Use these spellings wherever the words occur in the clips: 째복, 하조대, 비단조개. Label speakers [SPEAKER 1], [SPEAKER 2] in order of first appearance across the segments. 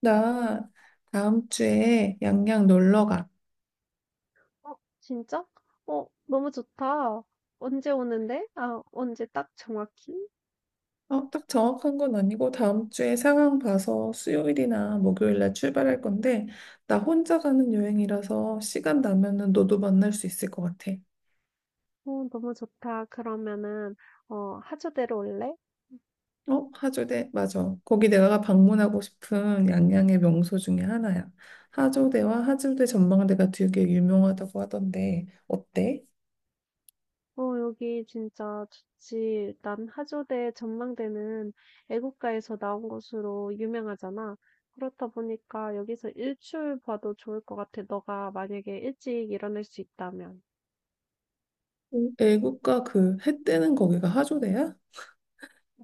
[SPEAKER 1] 나 다음 주에 양양 놀러 가.
[SPEAKER 2] 어, 진짜? 어, 너무 좋다. 언제 오는데? 아, 언제 딱 정확히?
[SPEAKER 1] 딱 정확한 건 아니고 다음 주에 상황 봐서 수요일이나 목요일 날 출발할 건데 나 혼자 가는 여행이라서 시간 나면은 너도 만날 수 있을 것 같아.
[SPEAKER 2] 어, 너무 좋다. 그러면은, 하조대로 올래?
[SPEAKER 1] 어, 하조대, 맞아. 거기 내가 방문하고 싶은 양양의 명소 중에 하나야. 하조대와 하조대 전망대가 되게 유명하다고 하던데, 어때?
[SPEAKER 2] 어, 여기 진짜 좋지. 난 하조대 전망대는 애국가에서 나온 곳으로 유명하잖아. 그렇다 보니까 여기서 일출 봐도 좋을 것 같아. 너가 만약에 일찍 일어날 수 있다면.
[SPEAKER 1] 음. 애국가 그 해 뜨는 거기가 하조대야?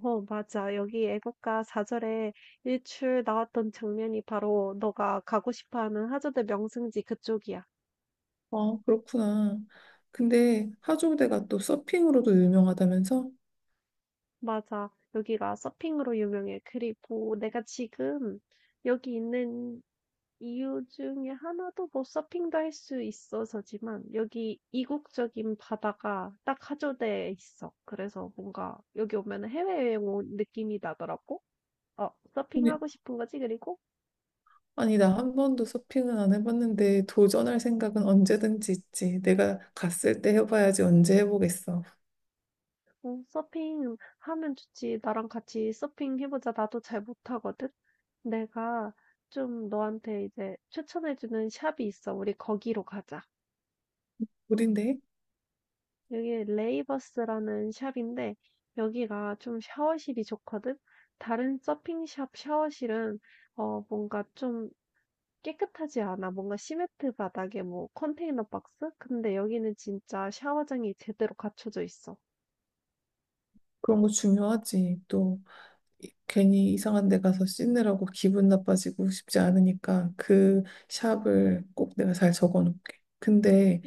[SPEAKER 2] 어, 맞아. 여기 애국가 4절에 일출 나왔던 장면이 바로 너가 가고 싶어 하는 하조대 명승지 그쪽이야.
[SPEAKER 1] 아, 그렇구나. 근데 하조대가 또 서핑으로도 유명하다면서?
[SPEAKER 2] 맞아. 여기가 서핑으로 유명해. 그리고 내가 지금 여기 있는 이유 중에 하나도 뭐 서핑도 할 수 있어서지만 여기 이국적인 바다가 딱 하조대에 있어. 그래서 뭔가 여기 오면 해외여행 온 느낌이 나더라고. 어,
[SPEAKER 1] 아니,
[SPEAKER 2] 서핑하고 싶은 거지? 그리고
[SPEAKER 1] 아니, 나 한 번도 서핑은 안 해봤는데 도전할 생각은 언제든지 있지. 내가 갔을 때 해봐야지 언제 해보겠어.
[SPEAKER 2] 서핑 하면 좋지. 나랑 같이 서핑 해보자. 나도 잘 못하거든. 내가 좀 너한테 이제 추천해주는 샵이 있어. 우리 거기로 가자.
[SPEAKER 1] 우린데?
[SPEAKER 2] 여기 레이버스라는 샵인데 여기가 좀 샤워실이 좋거든. 다른 서핑샵 샤워실은 뭔가 좀 깨끗하지 않아. 뭔가 시멘트 바닥에 뭐 컨테이너 박스? 근데 여기는 진짜 샤워장이 제대로 갖춰져 있어.
[SPEAKER 1] 그런 거 중요하지. 또 괜히 이상한 데 가서 씻느라고 기분 나빠지고 싶지 않으니까 그 샵을 꼭 내가 잘 적어놓을게. 근데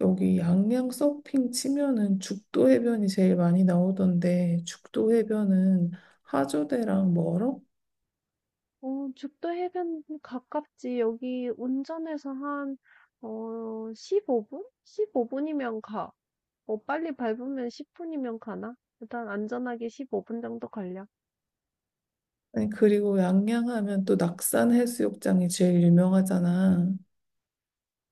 [SPEAKER 1] 여기 양양 서핑 치면은 죽도 해변이 제일 많이 나오던데 죽도 해변은 하조대랑 멀어?
[SPEAKER 2] 어 죽도 해변 가깝지. 여기 운전해서 한 15 분? 15 분이면 가. 어 빨리 밟으면 10 분이면 가나? 일단 안전하게 15분 정도 걸려.
[SPEAKER 1] 아니, 그리고 양양 하면 또 낙산 해수욕장이 제일 유명하잖아.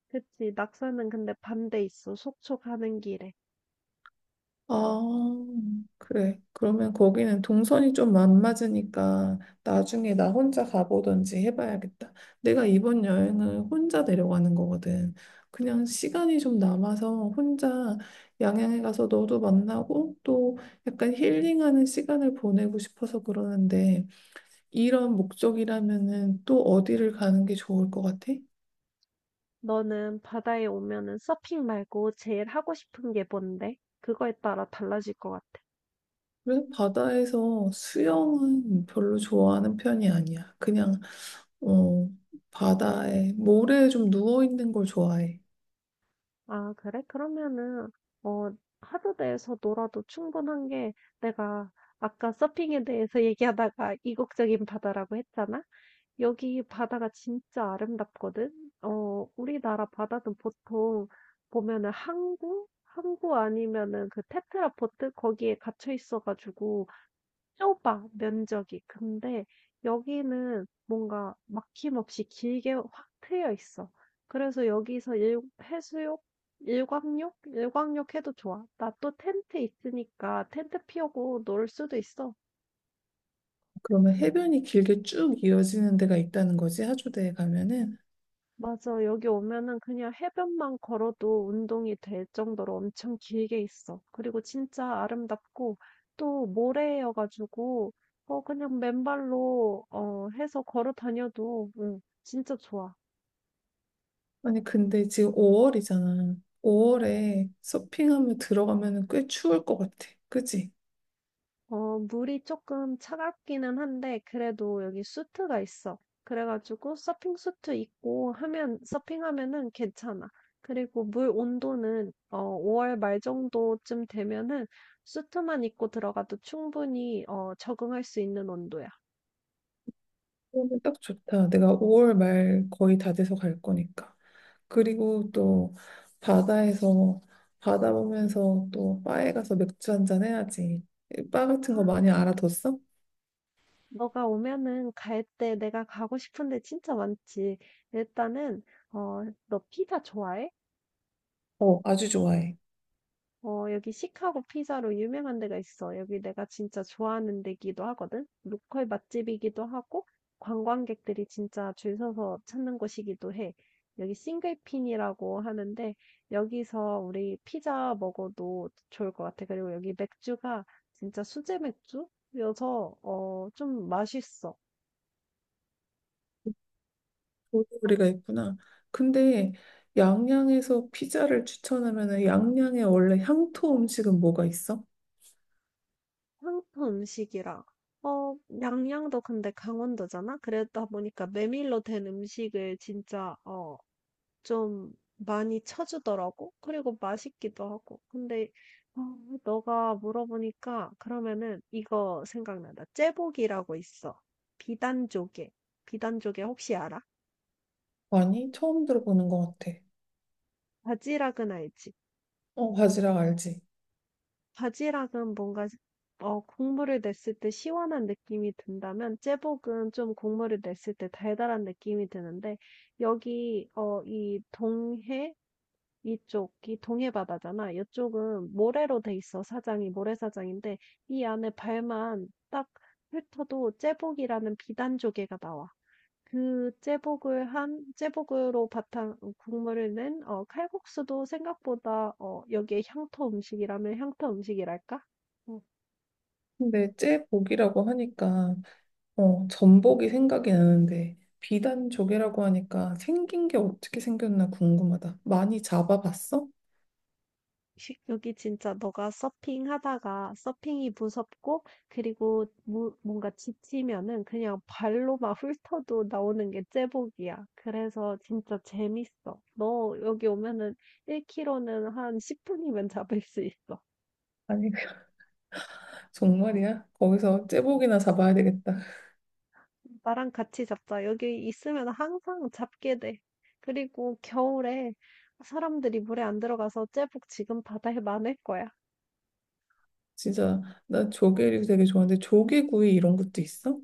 [SPEAKER 2] 그치. 낙서는 근데 반대 있어. 속초 가는 길에.
[SPEAKER 1] 아, 그래. 그러면 거기는 동선이 좀 안 맞으니까 나중에 나 혼자 가보던지 해봐야겠다. 내가 이번 여행을 혼자 내려가는 거거든. 그냥 시간이 좀 남아서 혼자 양양에 가서 너도 만나고 또 약간 힐링하는 시간을 보내고 싶어서 그러는데 이런 목적이라면은 또 어디를 가는 게 좋을 것 같아?
[SPEAKER 2] 너는 바다에 오면은 서핑 말고 제일 하고 싶은 게 뭔데? 그거에 따라 달라질 것 같아.
[SPEAKER 1] 그래서 바다에서 수영은 별로 좋아하는 편이 아니야. 어, 바다에, 모래에 좀 누워있는 걸 좋아해.
[SPEAKER 2] 아, 그래? 그러면은, 어, 하루 내에서 놀아도 충분한 게 내가 아까 서핑에 대해서 얘기하다가 이국적인 바다라고 했잖아? 여기 바다가 진짜 아름답거든? 어, 우리나라 바다는 보통 보면은 항구? 항구 아니면은 그 테트라포트? 거기에 갇혀 있어가지고 좁아, 면적이. 근데 여기는 뭔가 막힘없이 길게 확 트여 있어. 그래서 여기서 해수욕, 일광욕? 일광욕 해도 좋아. 나 또 텐트 있으니까 텐트 피우고 놀 수도 있어.
[SPEAKER 1] 그러면 해변이 길게 쭉 이어지는 데가 있다는 거지, 하조대에 가면은.
[SPEAKER 2] 맞아, 여기 오면은 그냥 해변만 걸어도 운동이 될 정도로 엄청 길게 있어. 그리고 진짜 아름답고 또 모래여가지고 어, 그냥 맨발로 해서 걸어 다녀도 응, 진짜 좋아.
[SPEAKER 1] 아니, 근데 지금 5월이잖아. 5월에 서핑하면 들어가면 꽤 추울 것 같아. 그치?
[SPEAKER 2] 어, 물이 조금 차갑기는 한데, 그래도 여기 수트가 있어. 그래가지고 서핑 수트 입고 하면, 서핑하면은 괜찮아. 그리고 물 온도는, 5월 말 정도쯤 되면은 수트만 입고 들어가도 충분히, 적응할 수 있는 온도야.
[SPEAKER 1] 그러면 딱 좋다. 내가 5월 말 거의 다 돼서 갈 거니까. 그리고 또 바다에서 뭐 바다 보면서 또 바에 가서 맥주 한잔 해야지. 바
[SPEAKER 2] 아,
[SPEAKER 1] 같은 거 많이 알아뒀어?
[SPEAKER 2] 너가 오면은 갈 때 내가 가고 싶은데 진짜 많지. 일단은, 어, 너 피자 좋아해?
[SPEAKER 1] 어, 아주 좋아해.
[SPEAKER 2] 어, 여기 시카고 피자로 유명한 데가 있어. 여기 내가 진짜 좋아하는 데기도 하거든. 로컬 맛집이기도 하고, 관광객들이 진짜 줄 서서 찾는 곳이기도 해. 여기 싱글핀이라고 하는데, 여기서 우리 피자 먹어도 좋을 것 같아. 그리고 여기 맥주가 진짜 수제 맥주여서, 좀 맛있어. 음,
[SPEAKER 1] 볼거리가 있구나. 근데 양양에서 피자를 추천하면은 양양에 원래 향토 음식은 뭐가 있어?
[SPEAKER 2] 한국 음식이라. 어, 양양도 근데 강원도잖아? 그러다 보니까 메밀로 된 음식을 진짜, 좀 많이 쳐주더라고. 그리고 맛있기도 하고. 근데 어, 너가 물어보니까 그러면은 이거 생각난다. 째복이라고 있어. 비단조개. 비단조개 혹시 알아?
[SPEAKER 1] 아니, 처음 들어보는 것 같아.
[SPEAKER 2] 바지락은 알지?
[SPEAKER 1] 어, 바지락 알지?
[SPEAKER 2] 바지락은 뭔가 국물을 냈을 때 시원한 느낌이 든다면 째복은 좀 국물을 냈을 때 달달한 느낌이 드는데 여기 이 동해 이쪽이 동해바다잖아. 이쪽은 모래로 돼 있어, 사장이. 모래사장인데, 이 안에 발만 딱 훑어도 제복이라는 비단 조개가 나와. 그 제복을 제복으로 바탕, 국물을 낸, 칼국수도 생각보다, 여기에 향토 음식이라면 향토 음식이랄까? 어,
[SPEAKER 1] 근데 째복이라고 하니까 어, 전복이 생각이 나는데 비단조개라고 하니까 생긴 게 어떻게 생겼나 궁금하다. 많이 잡아봤어?
[SPEAKER 2] 여기 진짜 너가 서핑하다가 서핑이 무섭고 그리고 뭔가 지치면은 그냥 발로 막 훑어도 나오는 게 제복이야. 그래서 진짜 재밌어. 너 여기 오면은 1kg는 한 10분이면 잡을 수 있어.
[SPEAKER 1] 아니, 정말이야? 거기서 째복이나 잡아야 되겠다.
[SPEAKER 2] 나랑 같이 잡자. 여기 있으면 항상 잡게 돼. 그리고 겨울에 사람들이 물에 안 들어가서 제복 지금 바다에 많을 거야.
[SPEAKER 1] 진짜 나 조개를 되게 좋아하는데 조개구이 이런 것도 있어?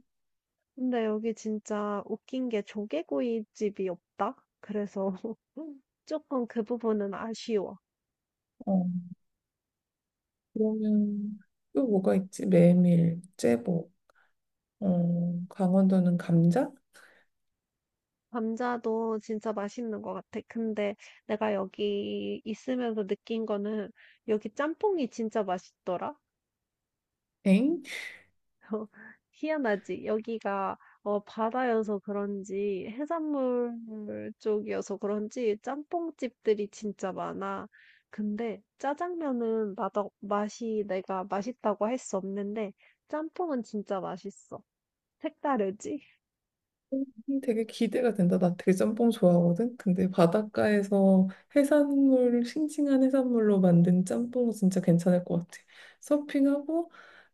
[SPEAKER 2] 근데 여기 진짜 웃긴 게 조개구이집이 없다? 그래서 조금 그 부분은 아쉬워.
[SPEAKER 1] 어, 그러면 또 뭐가 있지? 메밀, 째복, 어, 강원도는 감자?
[SPEAKER 2] 감자도 진짜 맛있는 것 같아. 근데 내가 여기 있으면서 느낀 거는 여기 짬뽕이 진짜 맛있더라.
[SPEAKER 1] 엥?
[SPEAKER 2] 어, 희한하지. 여기가 어, 바다여서 그런지 해산물 쪽이어서 그런지 짬뽕집들이 진짜 많아. 근데 짜장면은 맛이 내가 맛있다고 할 수 없는데 짬뽕은 진짜 맛있어. 색다르지?
[SPEAKER 1] 되게 기대가 된다. 나 되게 짬뽕 좋아하거든. 근데 바닷가에서 해산물, 싱싱한 해산물로 만든 짬뽕은 진짜 괜찮을 것 같아. 서핑하고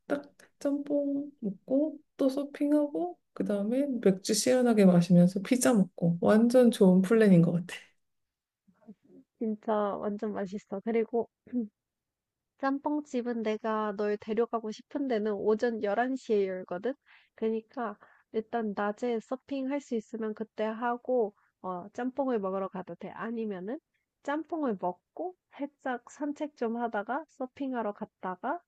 [SPEAKER 1] 딱 짬뽕 먹고 또 서핑하고 그다음에 맥주 시원하게 마시면서 피자 먹고 완전 좋은 플랜인 것 같아.
[SPEAKER 2] 진짜 완전 맛있어. 그리고 짬뽕집은 내가 널 데려가고 싶은 데는 오전 11시에 열거든? 그러니까 일단 낮에 서핑할 수 있으면 그때 하고, 어, 짬뽕을 먹으러 가도 돼. 아니면은 짬뽕을 먹고 살짝 산책 좀 하다가 서핑하러 갔다가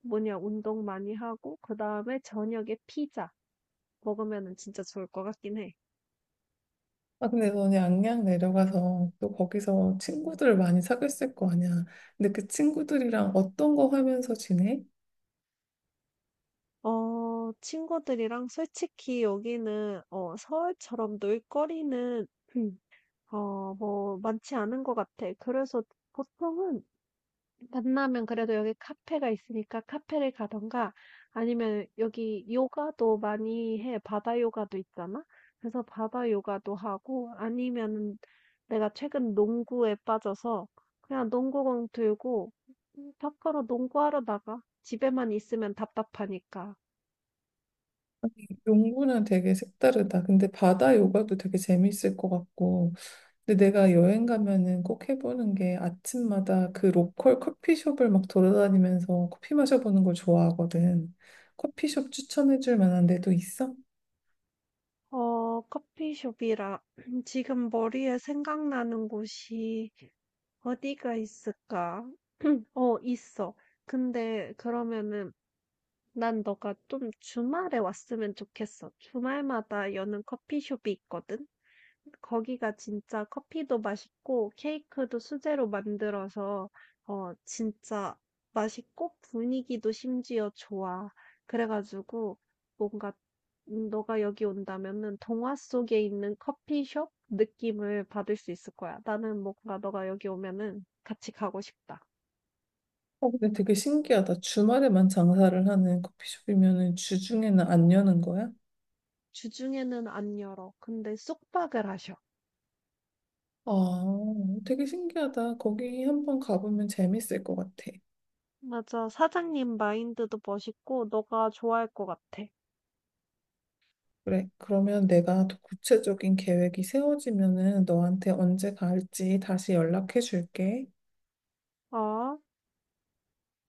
[SPEAKER 2] 뭐냐, 운동 많이 하고, 그 다음에 저녁에 피자 먹으면은 진짜 좋을 것 같긴 해.
[SPEAKER 1] 아 근데 너는 양양 내려가서 또 거기서 친구들 많이 사귀었을 거 아니야. 근데 그 친구들이랑 어떤 거 하면서 지내?
[SPEAKER 2] 어, 친구들이랑 솔직히 여기는 서울처럼 놀거리는 뭐 많지 않은 것 같아. 그래서 보통은 만나면 그래도 여기 카페가 있으니까 카페를 가던가 아니면 여기 요가도 많이 해. 바다 요가도 있잖아. 그래서 바다 요가도 하고 아니면 내가 최근 농구에 빠져서 그냥 농구공 들고 밖으로 농구하러 나가. 집에만 있으면 답답하니까.
[SPEAKER 1] 농구는 되게 색다르다. 근데 바다 요가도 되게 재밌을 것 같고. 근데 내가 여행 가면은 꼭 해보는 게 아침마다 그 로컬 커피숍을 막 돌아다니면서 커피 마셔보는 걸 좋아하거든. 커피숍 추천해줄 만한 데도 있어?
[SPEAKER 2] 어, 커피숍이라 지금 머리에 생각나는 곳이 어디가 있을까? 어, 있어. 근데 그러면은 난 너가 좀 주말에 왔으면 좋겠어. 주말마다 여는 커피숍이 있거든. 거기가 진짜 커피도 맛있고 케이크도 수제로 만들어서 진짜 맛있고 분위기도 심지어 좋아. 그래가지고 뭔가 너가 여기 온다면은 동화 속에 있는 커피숍 느낌을 받을 수 있을 거야. 나는 뭔가 너가 여기 오면은 같이 가고 싶다.
[SPEAKER 1] 어, 근데 되게 신기하다. 주말에만 장사를 하는 커피숍이면은 주중에는 안 여는 거야?
[SPEAKER 2] 주중에는 안 열어. 근데 쑥박을 하셔.
[SPEAKER 1] 아, 되게 신기하다. 거기 한번 가보면 재밌을 것 같아.
[SPEAKER 2] 맞아. 사장님 마인드도 멋있고 너가 좋아할 것 같아.
[SPEAKER 1] 그래, 그러면 내가 더 구체적인 계획이 세워지면은 너한테 언제 갈지 다시 연락해 줄게.
[SPEAKER 2] 아.